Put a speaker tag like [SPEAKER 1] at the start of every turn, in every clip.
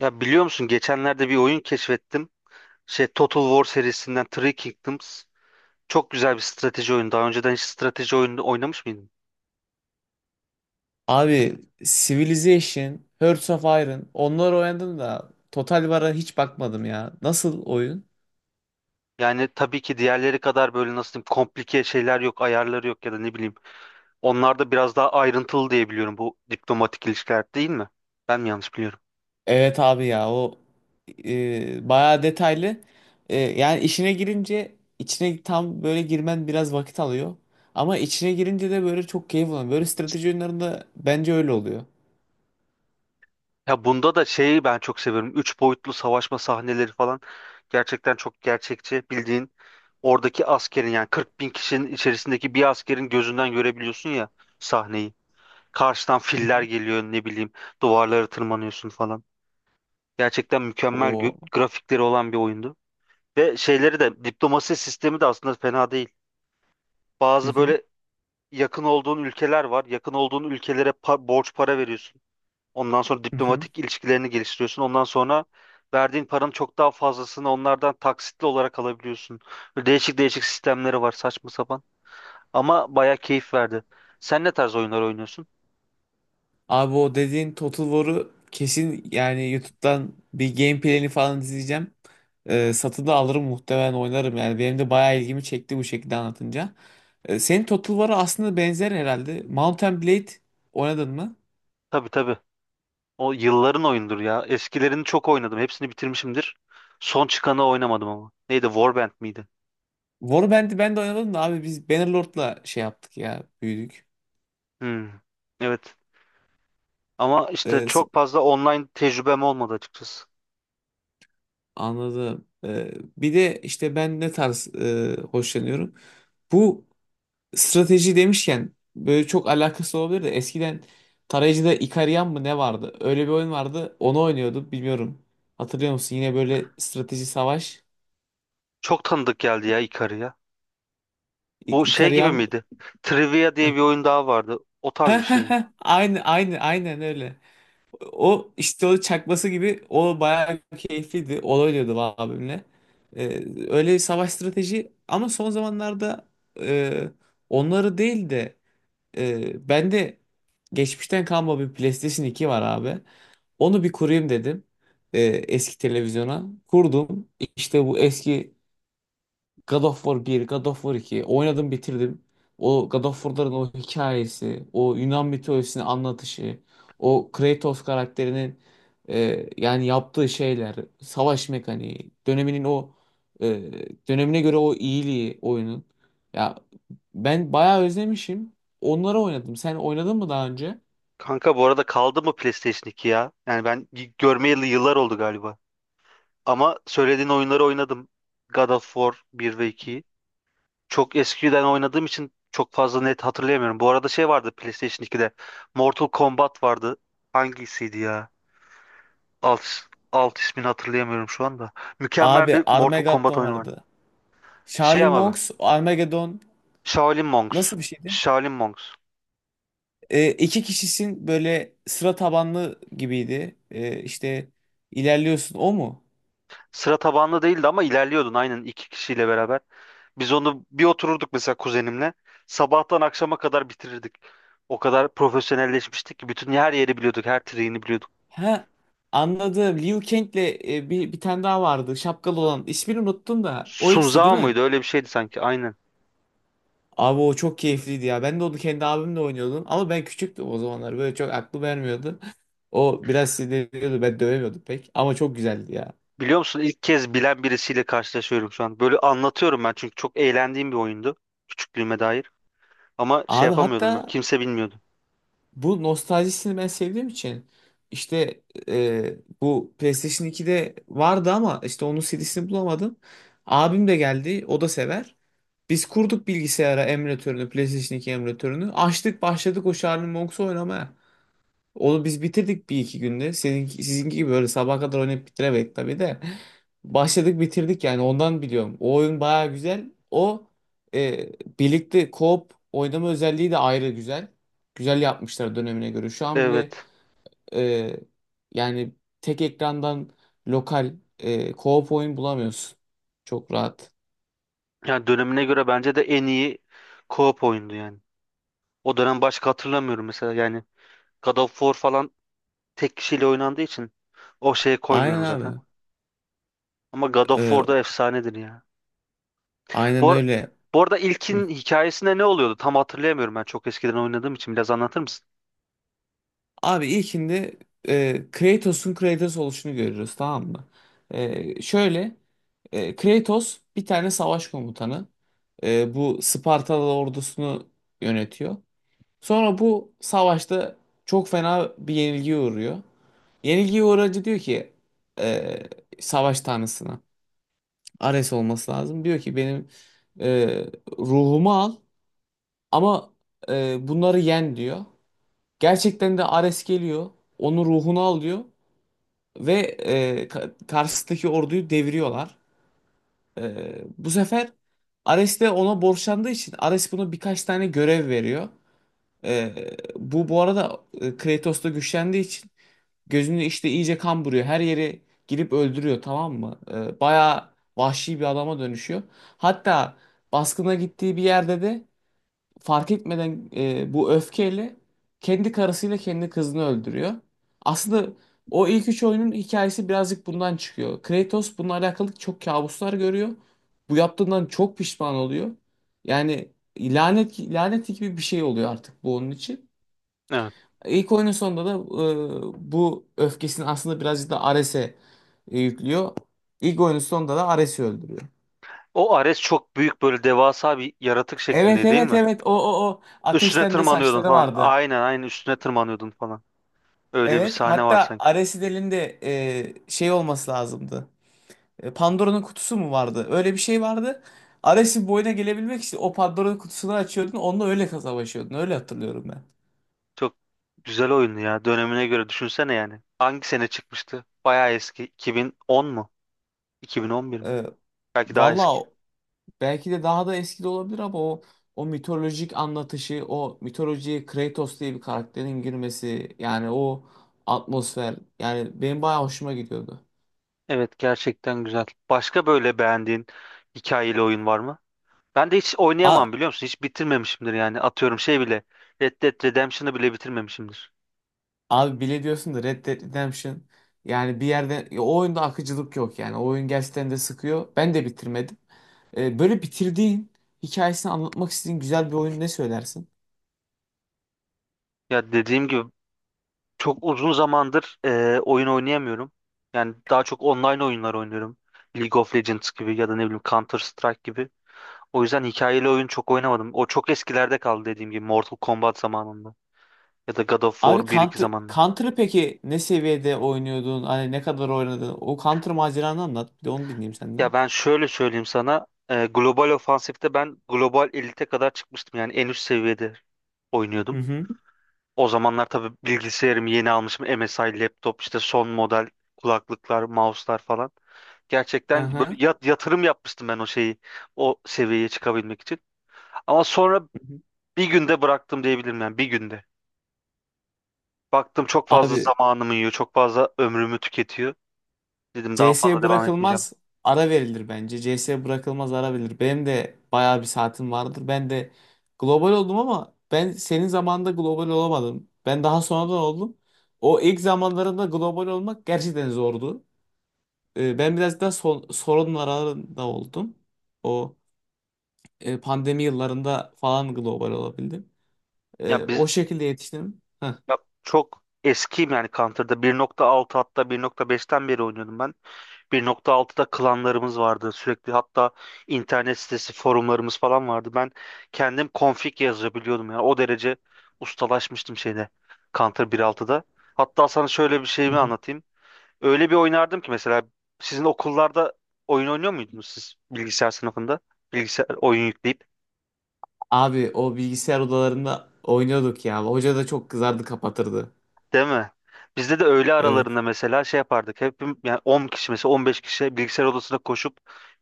[SPEAKER 1] Ya biliyor musun geçenlerde bir oyun keşfettim. Şey Total War serisinden Three Kingdoms. Çok güzel bir strateji oyunu. Daha önceden hiç strateji oyunu oynamış mıydın?
[SPEAKER 2] Abi Civilization, Hearts of Iron onlar oynadım da Total War'a hiç bakmadım ya. Nasıl oyun?
[SPEAKER 1] Yani tabii ki diğerleri kadar böyle nasıl diyeyim komplike şeyler yok, ayarları yok ya da ne bileyim. Onlar da biraz daha ayrıntılı diye biliyorum bu diplomatik ilişkiler değil mi? Ben mi yanlış biliyorum?
[SPEAKER 2] Evet abi ya o bayağı detaylı. Yani işine girince içine tam böyle girmen biraz vakit alıyor. Ama içine girince de böyle çok keyif alıyor. Böyle strateji oyunlarında bence öyle oluyor.
[SPEAKER 1] Ya bunda da şeyi ben çok seviyorum. Üç boyutlu savaşma sahneleri falan gerçekten çok gerçekçi. Bildiğin oradaki askerin yani 40 bin kişinin içerisindeki bir askerin gözünden görebiliyorsun ya sahneyi. Karşıdan
[SPEAKER 2] Hı
[SPEAKER 1] filler
[SPEAKER 2] hı.
[SPEAKER 1] geliyor ne bileyim duvarlara tırmanıyorsun falan. Gerçekten mükemmel
[SPEAKER 2] O.
[SPEAKER 1] grafikleri olan bir oyundu. Ve şeyleri de diplomasi sistemi de aslında fena değil.
[SPEAKER 2] Hı
[SPEAKER 1] Bazı
[SPEAKER 2] hı.
[SPEAKER 1] böyle yakın olduğun ülkeler var. Yakın olduğun ülkelere borç para veriyorsun. Ondan sonra
[SPEAKER 2] Hı hı.
[SPEAKER 1] diplomatik ilişkilerini geliştiriyorsun. Ondan sonra verdiğin paranın çok daha fazlasını onlardan taksitli olarak alabiliyorsun. Böyle değişik değişik sistemleri var saçma sapan. Ama baya keyif verdi. Sen ne tarz oyunlar oynuyorsun?
[SPEAKER 2] Abi o dediğin Total War'u kesin yani YouTube'dan bir gameplay'ini falan izleyeceğim. Satın da alırım muhtemelen oynarım yani. Benim de bayağı ilgimi çekti bu şekilde anlatınca. Senin Total War'a aslında benzer herhalde. Mountain Blade oynadın mı?
[SPEAKER 1] Tabii tabii. O yılların oyundur ya. Eskilerini çok oynadım. Hepsini bitirmişimdir. Son çıkanı oynamadım ama. Neydi? Warband miydi?
[SPEAKER 2] Warband'i ben de oynadım da abi biz Bannerlord'la şey yaptık ya büyüdük.
[SPEAKER 1] Hmm. Evet. Ama işte
[SPEAKER 2] Ee, se-
[SPEAKER 1] çok fazla online tecrübem olmadı açıkçası.
[SPEAKER 2] Anladım. Bir de işte ben ne tarz hoşlanıyorum. Bu. Strateji demişken böyle çok alakası olabilir de eskiden tarayıcıda Ikarian mı ne vardı? Öyle bir oyun vardı. Onu oynuyordu. Bilmiyorum. Hatırlıyor musun? Yine böyle strateji savaş.
[SPEAKER 1] Çok tanıdık geldi ya Ikari ya. Bu şey gibi
[SPEAKER 2] Ikarian.
[SPEAKER 1] miydi? Trivia diye
[SPEAKER 2] Heh.
[SPEAKER 1] bir oyun daha vardı. O tarz
[SPEAKER 2] Heh,
[SPEAKER 1] bir şey
[SPEAKER 2] heh,
[SPEAKER 1] mi?
[SPEAKER 2] heh. Aynı aynı aynen öyle. O işte o çakması gibi o bayağı keyifliydi. O oynuyordu abimle. Ee, Öyle bir savaş strateji ama son zamanlarda e, onları değil de ben de geçmişten kalma bir PlayStation 2 var abi. Onu bir kurayım dedim. Eski televizyona. Kurdum. İşte bu eski God of War 1, God of War 2 oynadım bitirdim. O God of War'ların o hikayesi, o Yunan mitolojisini anlatışı, o Kratos karakterinin yani yaptığı şeyler, savaş mekaniği, döneminin o e, dönemine göre o iyiliği oyunun. Ya ben bayağı özlemişim. Onları oynadım. Sen oynadın mı daha önce?
[SPEAKER 1] Kanka bu arada kaldı mı PlayStation 2 ya? Yani ben görmeyeli yıllar oldu galiba. Ama söylediğin oyunları oynadım. God of War 1 ve 2'yi çok eskiden oynadığım için çok fazla net hatırlayamıyorum. Bu arada şey vardı PlayStation 2'de. Mortal Kombat vardı. Hangisiydi ya? Alt, alt ismini hatırlayamıyorum şu anda. Mükemmel
[SPEAKER 2] Abi
[SPEAKER 1] bir Mortal Kombat
[SPEAKER 2] Armageddon
[SPEAKER 1] oyunu vardı.
[SPEAKER 2] vardı.
[SPEAKER 1] Şey
[SPEAKER 2] Charlie
[SPEAKER 1] ama be.
[SPEAKER 2] Monks, Armageddon
[SPEAKER 1] Shaolin Monks.
[SPEAKER 2] nasıl bir şeydi?
[SPEAKER 1] Shaolin Monks.
[SPEAKER 2] İki kişisin böyle sıra tabanlı gibiydi. İşte ilerliyorsun. O mu?
[SPEAKER 1] Sıra tabanlı değildi ama ilerliyordun aynen iki kişiyle beraber. Biz onu bir otururduk mesela kuzenimle. Sabahtan akşama kadar bitirirdik. O kadar profesyonelleşmiştik ki bütün her yeri biliyorduk, her triğini biliyorduk.
[SPEAKER 2] Ha, anladım. Liu Kang'le bir tane daha vardı. Şapkalı olan. İsmini unuttum da. O ikisi değil
[SPEAKER 1] Sunzao
[SPEAKER 2] mi?
[SPEAKER 1] muydu? Öyle bir şeydi sanki. Aynen.
[SPEAKER 2] Abi o çok keyifliydi ya. Ben de onu kendi abimle oynuyordum. Ama ben küçüktüm o zamanlar. Böyle çok aklı vermiyordu. O biraz sinirleniyordu. Ben dövemiyordum pek. Ama çok güzeldi ya.
[SPEAKER 1] Biliyor musun ilk kez bilen birisiyle karşılaşıyorum şu an. Böyle anlatıyorum ben çünkü çok eğlendiğim bir oyundu küçüklüğüme dair. Ama şey
[SPEAKER 2] Abi,
[SPEAKER 1] yapamıyordum böyle
[SPEAKER 2] hatta
[SPEAKER 1] kimse bilmiyordu.
[SPEAKER 2] bu nostaljisini ben sevdiğim için işte, e, bu PlayStation 2'de vardı ama işte onun CD'sini bulamadım. Abim de geldi, o da sever. Biz kurduk bilgisayara emülatörünü, PlayStation 2 emülatörünü. Açtık, başladık o Charlie Monks'u oynamaya. Onu biz bitirdik bir iki günde. Senin, sizinki gibi böyle sabaha kadar oynayıp bitiremedik tabii de. Başladık bitirdik yani ondan biliyorum. O oyun baya güzel. O e, birlikte co-op oynama özelliği de ayrı güzel. Güzel yapmışlar dönemine göre. Şu an bile
[SPEAKER 1] Evet.
[SPEAKER 2] e, yani tek ekrandan lokal co-op oyun bulamıyorsun. Çok rahat.
[SPEAKER 1] Yani dönemine göre bence de en iyi co-op oyundu yani. O dönem başka hatırlamıyorum mesela yani God of War falan tek kişiyle oynandığı için o şeye
[SPEAKER 2] Aynen
[SPEAKER 1] koymuyorum zaten.
[SPEAKER 2] abi.
[SPEAKER 1] Ama God of
[SPEAKER 2] E,
[SPEAKER 1] War da efsanedir ya.
[SPEAKER 2] aynen
[SPEAKER 1] Bu, ar-
[SPEAKER 2] öyle.
[SPEAKER 1] bu arada ilkin hikayesinde ne oluyordu? Tam hatırlayamıyorum ben çok eskiden oynadığım için biraz anlatır mısın?
[SPEAKER 2] Abi ilkinde Kratos'un Kratos oluşunu görüyoruz, tamam mı? Şöyle Kratos bir tane savaş komutanı. Bu Spartalı ordusunu yönetiyor. Sonra bu savaşta çok fena bir yenilgiye uğruyor. Yenilgiye uğracı diyor ki e, savaş tanrısına, Ares olması lazım. Diyor ki benim e, ruhumu al ama bunları yen diyor. Gerçekten de Ares geliyor. Onun ruhunu al diyor. Ve karşısındaki orduyu deviriyorlar. Bu sefer Ares de ona borçlandığı için Ares buna birkaç tane görev veriyor. E, bu arada Kratos da güçlendiği için gözünü işte iyice kan buruyor. Her yeri girip öldürüyor, tamam mı? Bayağı vahşi bir adama dönüşüyor. Hatta baskına gittiği bir yerde de fark etmeden, bu öfkeyle kendi karısıyla kendi kızını öldürüyor. Aslında o ilk üç oyunun hikayesi birazcık bundan çıkıyor. Kratos bununla alakalı çok kabuslar görüyor. Bu yaptığından çok pişman oluyor. Yani lanet lanet gibi bir şey oluyor artık bu onun için.
[SPEAKER 1] Evet.
[SPEAKER 2] İlk oyunun sonunda da bu öfkesini aslında birazcık da Ares'e yüklüyor. İlk oyunun sonunda da Ares'i öldürüyor.
[SPEAKER 1] O Ares çok büyük böyle devasa bir yaratık
[SPEAKER 2] Evet,
[SPEAKER 1] şeklinde değil
[SPEAKER 2] evet,
[SPEAKER 1] mi?
[SPEAKER 2] evet, o
[SPEAKER 1] Üstüne
[SPEAKER 2] ateşten de
[SPEAKER 1] tırmanıyordun
[SPEAKER 2] saçları
[SPEAKER 1] falan.
[SPEAKER 2] vardı.
[SPEAKER 1] Aynen aynen üstüne tırmanıyordun falan. Öyle bir
[SPEAKER 2] Evet.
[SPEAKER 1] sahne var
[SPEAKER 2] Hatta
[SPEAKER 1] sanki.
[SPEAKER 2] Aresidel'in de şey olması lazımdı. Pandora'nın kutusu mu vardı? Öyle bir şey vardı. Ares'in boyuna gelebilmek için o Pandora'nın kutusunu açıyordun. Onunla öyle savaşıyordun. Öyle hatırlıyorum ben.
[SPEAKER 1] Çok güzel oyundu ya. Dönemine göre düşünsene yani. Hangi sene çıkmıştı? Bayağı eski. 2010 mu? 2011 mi?
[SPEAKER 2] E,
[SPEAKER 1] Belki daha
[SPEAKER 2] Valla
[SPEAKER 1] eski.
[SPEAKER 2] belki de daha da eski de olabilir ama o mitolojik anlatışı, o mitolojiye Kratos diye bir karakterin girmesi yani o atmosfer, yani benim bayağı hoşuma gidiyordu.
[SPEAKER 1] Evet gerçekten güzel. Başka böyle beğendiğin hikayeli oyun var mı? Ben de hiç oynayamam biliyor musun? Hiç bitirmemişimdir yani. Atıyorum şey bile. Red Dead Redemption'ı bile bitirmemişimdir.
[SPEAKER 2] Abi, bile diyorsun da Red Dead Redemption, yani bir yerde ya, o oyunda akıcılık yok yani, o oyun gerçekten de sıkıyor. Ben de bitirmedim. Böyle bitirdiğin hikayesini anlatmak istediğin güzel bir oyun ne söylersin?
[SPEAKER 1] Ya dediğim gibi çok uzun zamandır oyun oynayamıyorum. Yani daha çok online oyunlar oynuyorum. League of Legends gibi ya da ne bileyim Counter Strike gibi. O yüzden hikayeli oyun çok oynamadım. O çok eskilerde kaldı dediğim gibi Mortal Kombat zamanında ya da God of
[SPEAKER 2] Abi
[SPEAKER 1] War bir iki
[SPEAKER 2] Counter,
[SPEAKER 1] zamanında.
[SPEAKER 2] Counter'ı peki ne seviyede oynuyordun? Hani ne kadar oynadın? O Counter maceranı anlat. Bir de onu dinleyeyim
[SPEAKER 1] Ya
[SPEAKER 2] senden.
[SPEAKER 1] ben şöyle söyleyeyim sana. Global ofansifte ben global elite kadar çıkmıştım. Yani en üst seviyede
[SPEAKER 2] Hı
[SPEAKER 1] oynuyordum.
[SPEAKER 2] hı.
[SPEAKER 1] O zamanlar tabii bilgisayarımı yeni almışım. MSI laptop işte son model kulaklıklar, mouse'lar falan. Gerçekten
[SPEAKER 2] Aha.
[SPEAKER 1] böyle yatırım yapmıştım ben o şeyi, o seviyeye çıkabilmek için. Ama sonra
[SPEAKER 2] Hı hı.
[SPEAKER 1] bir günde bıraktım diyebilirim yani bir günde. Baktım çok fazla
[SPEAKER 2] Abi
[SPEAKER 1] zamanımı yiyor, çok fazla ömrümü tüketiyor. Dedim daha fazla
[SPEAKER 2] CS
[SPEAKER 1] devam etmeyeceğim.
[SPEAKER 2] bırakılmaz, ara verilir bence. CS bırakılmaz, ara verilir. Benim de bayağı bir saatim vardır. Ben de global oldum ama ben senin zamanında global olamadım. Ben daha sonradan oldum. O ilk zamanlarında global olmak gerçekten zordu. Ben biraz daha son, sorunun aralarında oldum. O pandemi yıllarında falan global olabildim.
[SPEAKER 1] Ya biz
[SPEAKER 2] O şekilde yetiştim. Heh.
[SPEAKER 1] ya çok eskiyim yani Counter'da 1.6 hatta 1.5'ten beri oynuyordum ben. 1.6'da klanlarımız vardı. Sürekli hatta internet sitesi, forumlarımız falan vardı. Ben kendim config yazabiliyordum yani. O derece ustalaşmıştım şeyde Counter 1.6'da. Hatta sana şöyle bir
[SPEAKER 2] Hı
[SPEAKER 1] şeyimi
[SPEAKER 2] hı.
[SPEAKER 1] anlatayım. Öyle bir oynardım ki mesela sizin okullarda oyun oynuyor muydunuz siz bilgisayar sınıfında? Bilgisayar oyun yükleyip.
[SPEAKER 2] Abi o bilgisayar odalarında oynuyorduk ya. Hoca da çok kızardı, kapatırdı.
[SPEAKER 1] Değil mi? Bizde de öğle
[SPEAKER 2] Evet.
[SPEAKER 1] aralarında mesela şey yapardık. Hepim yani 10 kişi mesela 15 kişi bilgisayar odasına koşup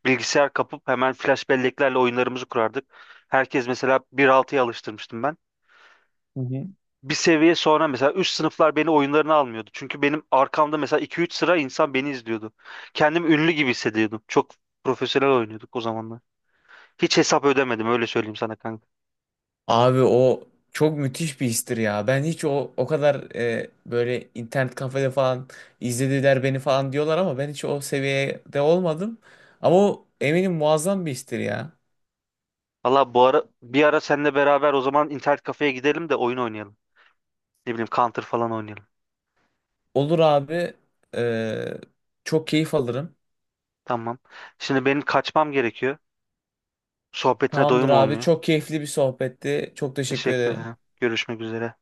[SPEAKER 1] bilgisayar kapıp hemen flash belleklerle oyunlarımızı kurardık. Herkes mesela 1.6'ya alıştırmıştım ben. Bir seviye sonra mesela üst sınıflar beni oyunlarına almıyordu. Çünkü benim arkamda mesela 2-3 sıra insan beni izliyordu. Kendim ünlü gibi hissediyordum. Çok profesyonel oynuyorduk o zamanlar. Hiç hesap ödemedim öyle söyleyeyim sana kanka.
[SPEAKER 2] Abi o çok müthiş bir histir ya. Ben hiç o kadar böyle internet kafede falan izlediler beni falan diyorlar ama ben hiç o seviyede olmadım. Ama o eminim muazzam bir histir ya.
[SPEAKER 1] Valla bu ara bir ara seninle beraber o zaman internet kafeye gidelim de oyun oynayalım. Ne bileyim Counter falan oynayalım.
[SPEAKER 2] Olur abi. e, Çok keyif alırım.
[SPEAKER 1] Tamam. Şimdi benim kaçmam gerekiyor. Sohbetine
[SPEAKER 2] Tamamdır
[SPEAKER 1] doyum
[SPEAKER 2] abi.
[SPEAKER 1] olmuyor.
[SPEAKER 2] Çok keyifli bir sohbetti. Çok teşekkür
[SPEAKER 1] Teşekkür
[SPEAKER 2] ederim.
[SPEAKER 1] ederim. Görüşmek üzere.